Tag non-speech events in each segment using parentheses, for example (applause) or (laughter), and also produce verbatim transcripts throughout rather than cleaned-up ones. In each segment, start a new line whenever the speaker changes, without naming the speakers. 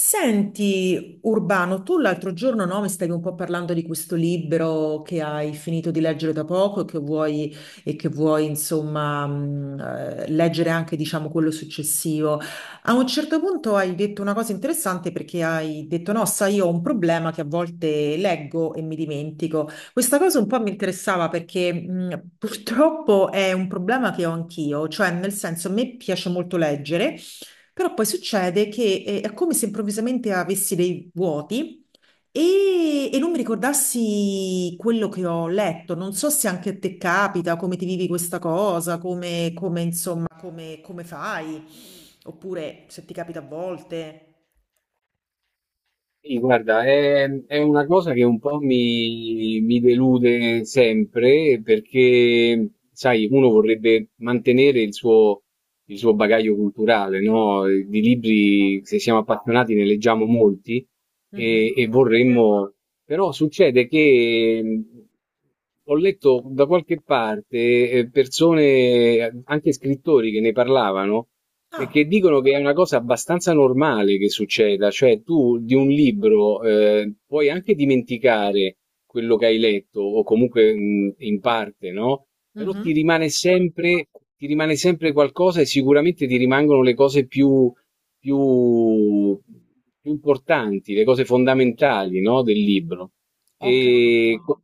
Senti, Urbano, tu l'altro giorno no, mi stavi un po' parlando di questo libro che hai finito di leggere da poco e che vuoi, e che vuoi insomma, mh, eh, leggere anche, diciamo, quello successivo. A un certo punto hai detto una cosa interessante perché hai detto, no, sai, io ho un problema che a volte leggo e mi dimentico. Questa cosa un po' mi interessava perché mh, purtroppo è un problema che ho anch'io, cioè nel senso a me piace molto leggere. Però poi succede che eh, è come se improvvisamente avessi dei vuoti e, e non mi ricordassi quello che ho letto. Non so se anche a te capita, come ti vivi questa cosa, come, come, insomma, come, come fai, oppure se ti capita a volte.
Sì, guarda, è, è una cosa che un po' mi, mi delude sempre perché, sai, uno vorrebbe mantenere il suo, il suo bagaglio culturale, no? Di libri, se siamo appassionati, ne leggiamo molti e,
Mhm.
e vorremmo, però succede che mh, ho letto da qualche parte eh, persone, anche scrittori che ne parlavano e
Ah,
che dicono che è una cosa abbastanza normale che succeda, cioè tu di un libro eh, puoi anche dimenticare quello che hai letto, o comunque mh, in parte, no? Però
mhm.
ti rimane sempre, ti rimane sempre qualcosa e sicuramente ti rimangono le cose più, più, più importanti, le cose fondamentali, no? Del libro.
Ho
E co-
capito.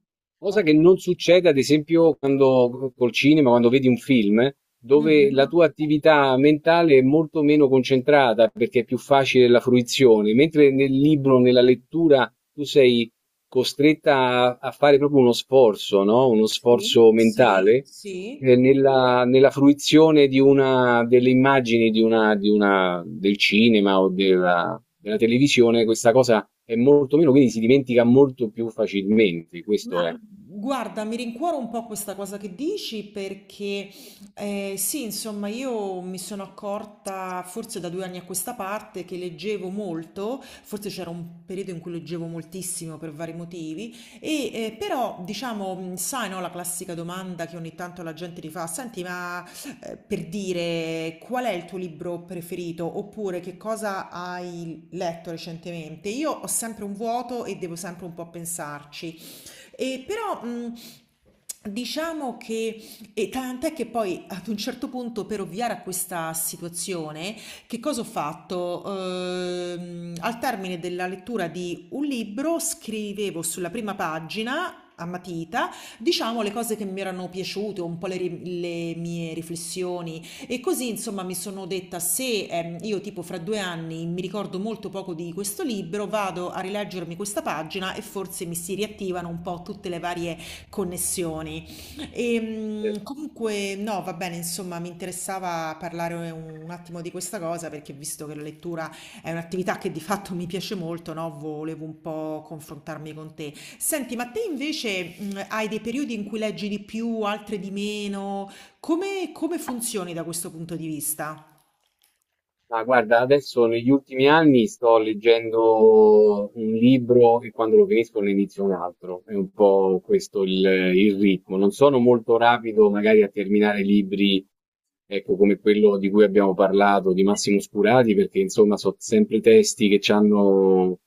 Ho
cosa che non
capito.
succede, ad esempio, quando col cinema, quando vedi un film, dove la
Mhm.
tua attività mentale è molto meno concentrata perché è più facile la fruizione, mentre nel libro, nella lettura, tu sei costretta a, a fare proprio uno sforzo, no? Uno
Sì,
sforzo
sì,
mentale.
sì.
Ehm, nella nella fruizione di una delle immagini di una di una del cinema o della della televisione, questa cosa è molto meno, quindi si dimentica molto più facilmente, questo è.
Ma guarda, mi rincuoro un po' questa cosa che dici perché eh, sì, insomma, io mi sono accorta forse da due anni a questa parte che leggevo molto, forse c'era un periodo in cui leggevo moltissimo per vari motivi, e eh, però diciamo, mh, sai, no, la classica domanda che ogni tanto la gente ti fa, senti, ma eh, per dire qual è il tuo libro preferito oppure che cosa hai letto recentemente? Io ho sempre un vuoto e devo sempre un po' pensarci. E però, mh, Diciamo che, e tant'è che poi ad un certo punto per ovviare a questa situazione, che cosa ho fatto? Ehm, al termine della lettura di un libro scrivevo sulla prima pagina a matita, diciamo le cose che mi erano piaciute, un po' le, ri- le mie riflessioni e così, insomma, mi sono detta: se ehm, io, tipo, fra due anni mi ricordo molto poco di questo libro, vado a rileggermi questa pagina e forse mi si riattivano un po' tutte le varie connessioni. E,
eh,
mh, comunque, no, va bene, insomma, mi interessava parlare un, un attimo di questa cosa perché, visto che la lettura è un'attività che di fatto mi piace molto, no, volevo un po' confrontarmi con te. Senti, ma te invece mh, hai dei periodi in cui leggi di più, altri di meno? Come come funzioni da questo punto di vista?
Ma guarda, adesso negli ultimi anni sto leggendo un libro e quando lo finisco ne inizio un altro. È un po' questo il, il ritmo. Non sono molto rapido magari a terminare libri, ecco, come quello di cui abbiamo parlato, di Massimo Scurati, perché insomma sono sempre testi che hanno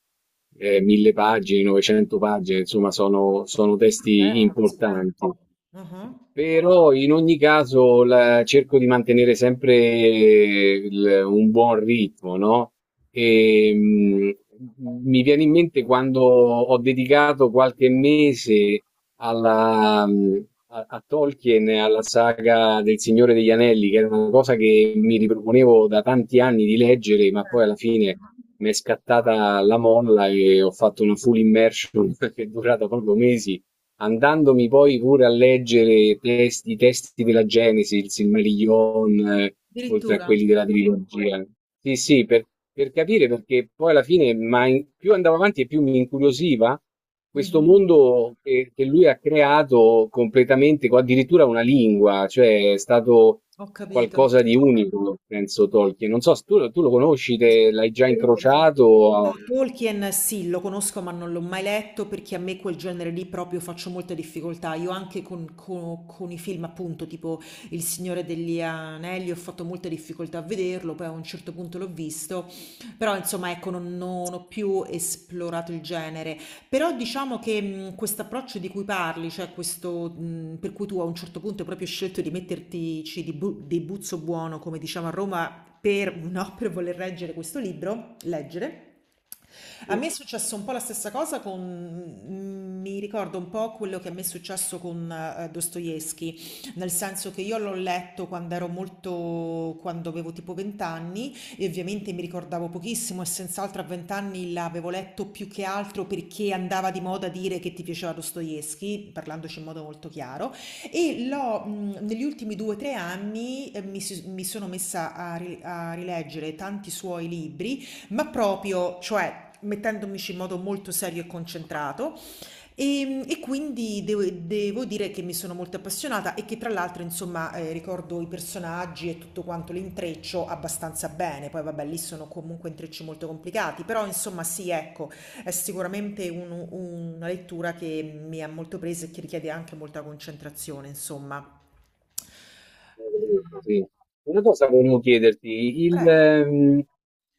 mille pagine, novecento pagine, insomma sono sono testi
Certo, così
importanti.
tanto. Ah-ah.
Però in ogni caso la- cerco di mantenere sempre il- un buon ritmo, no? E, mh, mi viene in mente quando ho dedicato qualche mese alla, mh, a, a Tolkien, e alla saga del Signore degli Anelli, che era una cosa che mi riproponevo da tanti anni di leggere, ma poi
Certo.
alla fine mi è scattata la molla e ho fatto una full immersion (laughs) che è durata proprio mesi andandomi poi pure a leggere testi- i testi della Genesi, il Silmarillion, eh, oltre a
Addirittura?
quelli della trilogia. Sì, sì, per, per capire perché poi alla fine, ma in- più andavo avanti e più mi incuriosiva questo
Mh-mh.
mondo che, che lui ha creato completamente, con addirittura una lingua, cioè è stato
Ho capito.
qualcosa di unico, penso Tolkien. Non so se tu, tu lo conosci, te l'hai già incrociato.
Tolkien sì, lo conosco ma non l'ho mai letto perché a me quel genere lì proprio faccio molta difficoltà. Io anche con, co- con i film appunto tipo Il Signore degli Anelli ho fatto molta difficoltà a vederlo, poi a un certo punto l'ho visto, però insomma ecco non, non ho più esplorato il genere. Però diciamo che mh, questo approccio di cui parli, cioè questo mh, per cui tu a un certo punto hai proprio scelto di mettertici di, bu- di buzzo buono, come diciamo a Roma, per, no, (laughs) per voler reggere questo libro, leggere. A me è successo un po' la stessa cosa con, mm, mi ricordo un po' quello che a me è successo con eh, Dostoevsky, nel senso che io l'ho letto quando ero molto, quando avevo tipo venti anni e ovviamente mi ricordavo pochissimo e senz'altro a venti anni l'avevo letto più che altro perché andava di moda dire che ti piaceva Dostoevsky, parlandoci in modo molto chiaro. E l'ho, mhmm, negli ultimi due, tre anni, ehm, mi s mi sono messa a ri a rileggere tanti suoi libri, ma proprio cioè mettendomici in modo molto serio e concentrato. Ehm, e quindi devo devo dire che mi sono molto appassionata e che tra l'altro insomma, ehm, ricordo i personaggi e tutto quanto l'intreccio abbastanza bene. Poi vabbè lì sono comunque intrecci molto complicati, però insomma sì, ecco, è sicuramente un una lettura che mi ha molto presa e che richiede anche molta concentrazione insomma.
Sì. Una cosa volevo chiederti, il,
Prego.
ehm,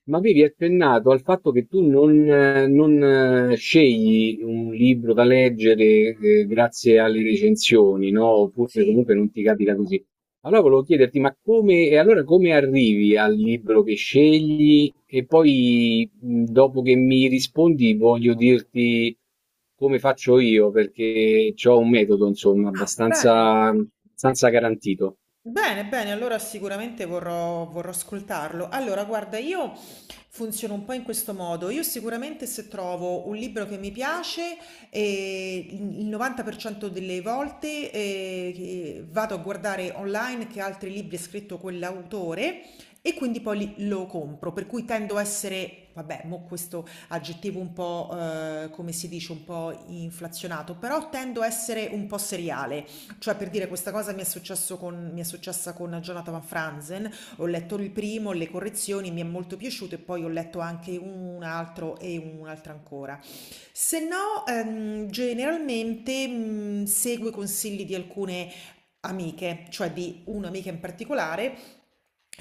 ma avevi accennato al fatto che tu non, eh, non, eh, scegli un libro da leggere, eh, grazie alle recensioni, no? Oppure
Sì.
comunque non ti capita così. Allora volevo chiederti, ma come, e allora come arrivi al libro che scegli? E poi, mh, dopo che mi rispondi, voglio dirti come faccio io, perché ho un metodo, insomma,
Ah, bene.
abbastanza, abbastanza garantito.
Bene, bene, allora sicuramente vorrò, vorrò ascoltarlo. Allora, guarda, io funziono un po' in questo modo. Io sicuramente se trovo un libro che mi piace, eh, il novanta per cento delle volte eh, che vado a guardare online che altri libri ha scritto quell'autore e quindi poi li- lo compro. Per cui tendo a essere, vabbè, mo questo aggettivo un po', eh, come si dice, un po' inflazionato, però tendo a essere un po' seriale. Cioè, per dire, questa cosa mi è successo con, mi è successa con Jonathan Van Franzen, ho letto il primo, le correzioni, mi è molto piaciuto e poi ho letto anche un altro e un'altra ancora. Se no, ehm, generalmente mh, seguo i consigli di alcune amiche, cioè di un'amica in particolare,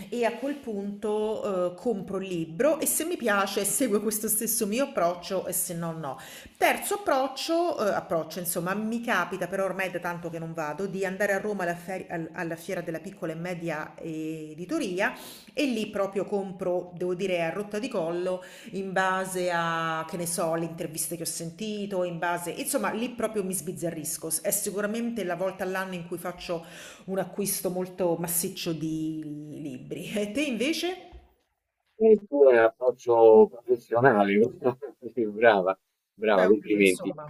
e a quel punto eh, compro il libro e se mi piace seguo questo stesso mio approccio e se no no. Terzo approccio, uhm, approccio insomma, mi capita però ormai è da tanto che non vado, di andare a Roma alla feri al alla fiera della piccola e media editoria e lì proprio compro, devo dire a rotta di collo, in base a, che ne so, le interviste che ho sentito, in base insomma lì proprio mi sbizzarrisco. S è sicuramente la volta all'anno in cui faccio un acquisto molto massiccio di libri. E te invece?
E il tuo è approccio professionale, (laughs) sì, brava,
Beh,
brava,
oddio
complimenti.
insomma.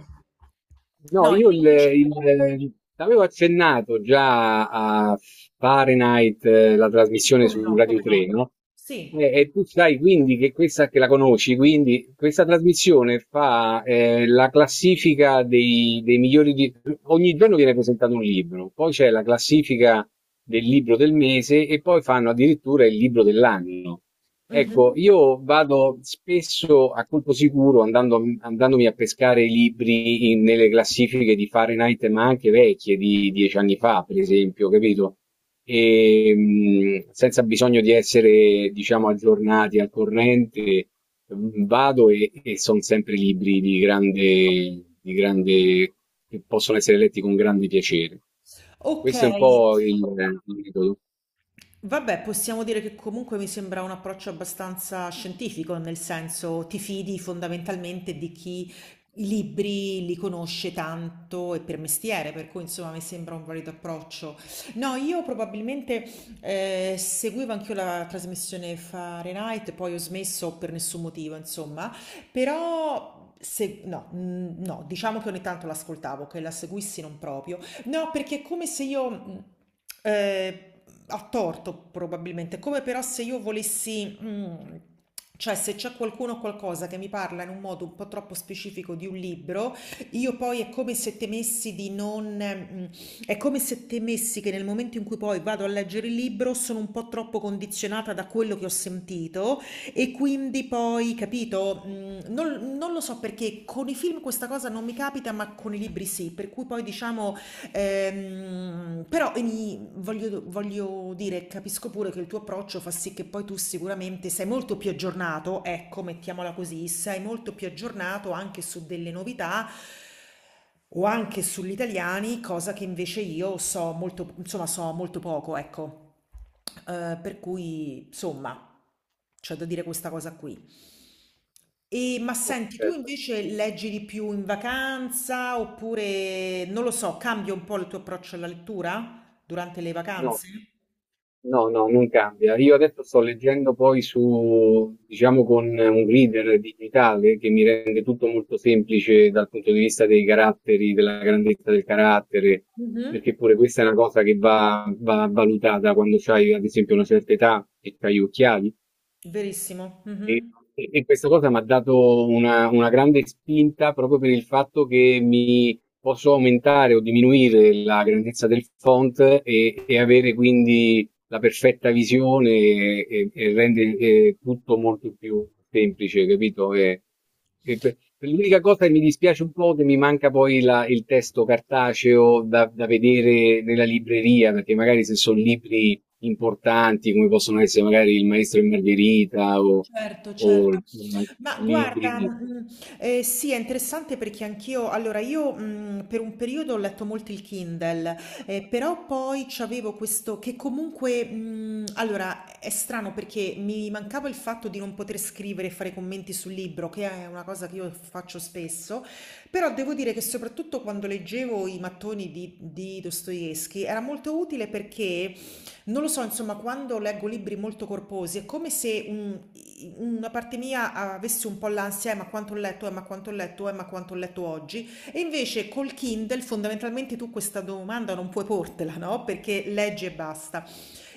No,
No,
e
io
te
il,
invece?
il- avevo accennato già a Fahrenheit, eh, la
Sì,
trasmissione
come
su
no,
Radio
come no.
tre, no? E,
Sì.
e tu sai quindi che questa, che la conosci, quindi questa trasmissione fa eh, la classifica dei, dei migliori, di- ogni giorno viene presentato un libro, poi c'è la classifica del libro del mese e poi fanno addirittura il libro dell'anno.
Mh-mh.
Ecco, io vado spesso a colpo sicuro andando, andandomi a pescare i libri in- nelle classifiche di Fahrenheit, ma anche vecchie di dieci anni fa, per esempio, capito? E, mh, senza bisogno di essere, diciamo, aggiornati al corrente, mh, vado e, e sono sempre libri di grande, di grande, che possono essere letti con grande piacere. Questo è un
Okay.
po' il il metodo.
Vabbè, possiamo dire che comunque mi sembra un approccio abbastanza scientifico, nel senso ti fidi fondamentalmente di chi i libri li conosce tanto e per mestiere, per cui insomma mi sembra un valido approccio. No, io probabilmente eh, seguivo anch'io la trasmissione Fahrenheit, poi ho smesso per nessun motivo, insomma, però se, no, mm, no, diciamo che ogni tanto l'ascoltavo, che la seguissi non proprio. No, perché è come se io, mh, eh, a torto probabilmente, come però se io volessi, mh, cioè se c'è qualcuno o qualcosa che mi parla in un modo un po' troppo specifico di un libro, io poi è come se temessi di non, mh, è come se temessi che nel momento in cui poi vado a leggere il libro sono un po' troppo condizionata da quello che ho sentito e quindi poi, capito, mh, non, non, lo so perché con i film questa cosa non mi capita, ma con i libri sì, per cui poi diciamo... Ehm, però ini- voglio, voglio dire, capisco pure che il tuo approccio fa sì che poi tu sicuramente sei molto più aggiornato, ecco, mettiamola così, sei molto più aggiornato anche su delle novità o anche sugli italiani, cosa che invece io so molto, insomma, so molto poco, ecco. Eh, per cui, insomma, c'è da dire questa cosa qui. E, ma senti, tu invece leggi di più in vacanza oppure, non lo so, cambia un po' il tuo approccio alla lettura durante le
No,
vacanze?
no, no, non cambia. Io adesso sto leggendo poi su, diciamo, con un reader digitale che mi rende tutto molto semplice dal punto di vista dei caratteri, della grandezza del carattere,
Mhm.
perché pure questa è una cosa che va, va valutata quando c'hai, ad esempio, una certa età e c'hai gli occhiali.
Verissimo.
E,
Mhm.
e- e questa cosa mi ha dato una, una grande spinta proprio per il fatto che mi posso aumentare o diminuire la grandezza del font e, e avere quindi la perfetta visione e, e- e rende eh, tutto molto più semplice, capito? E- e per- per l'unica cosa che mi dispiace un po' che mi manca poi la- il testo cartaceo da, da vedere nella libreria, perché magari se sono libri importanti come possono essere magari Il Maestro e Margherita o,
Certo,
o
certo.
mm,
Ma guarda,
libri.
mhmm, ehm, sì, è interessante perché anch'io allora io, mhmm, per un periodo ho letto molto il Kindle, ehm, però poi c'avevo questo che comunque, mhmm, allora è strano perché mi mancava il fatto di non poter scrivere e fare commenti sul libro, che è una cosa che io faccio spesso, però devo dire che soprattutto quando leggevo i mattoni di di Dostoevskij era molto utile perché non lo so, insomma, quando leggo libri molto corposi è come se un- i- una parte mia avesse un po' l'ansia, eh, ma quanto ho letto, eh, ma quanto ho letto, eh, ma quanto ho letto oggi. E invece col Kindle fondamentalmente tu questa domanda non puoi portela, no? Perché leggi e basta.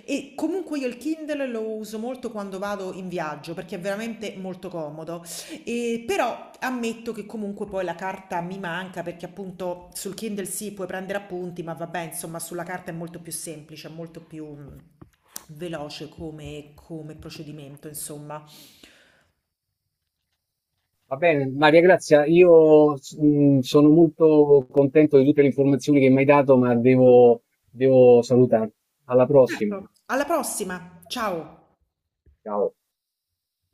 E comunque io il Kindle lo uso molto quando vado in viaggio perché è veramente molto comodo. E però ammetto che comunque poi la carta mi manca perché appunto sul Kindle sì, puoi prendere appunti, ma vabbè, insomma, sulla carta è molto più semplice, è molto più mm, veloce come, come procedimento, insomma.
Va bene, Maria Grazia, io mm, sono molto contento di tutte le informazioni che mi hai dato, ma devo devo salutarti. Alla prossima.
Certo. Alla prossima, ciao!
Ciao.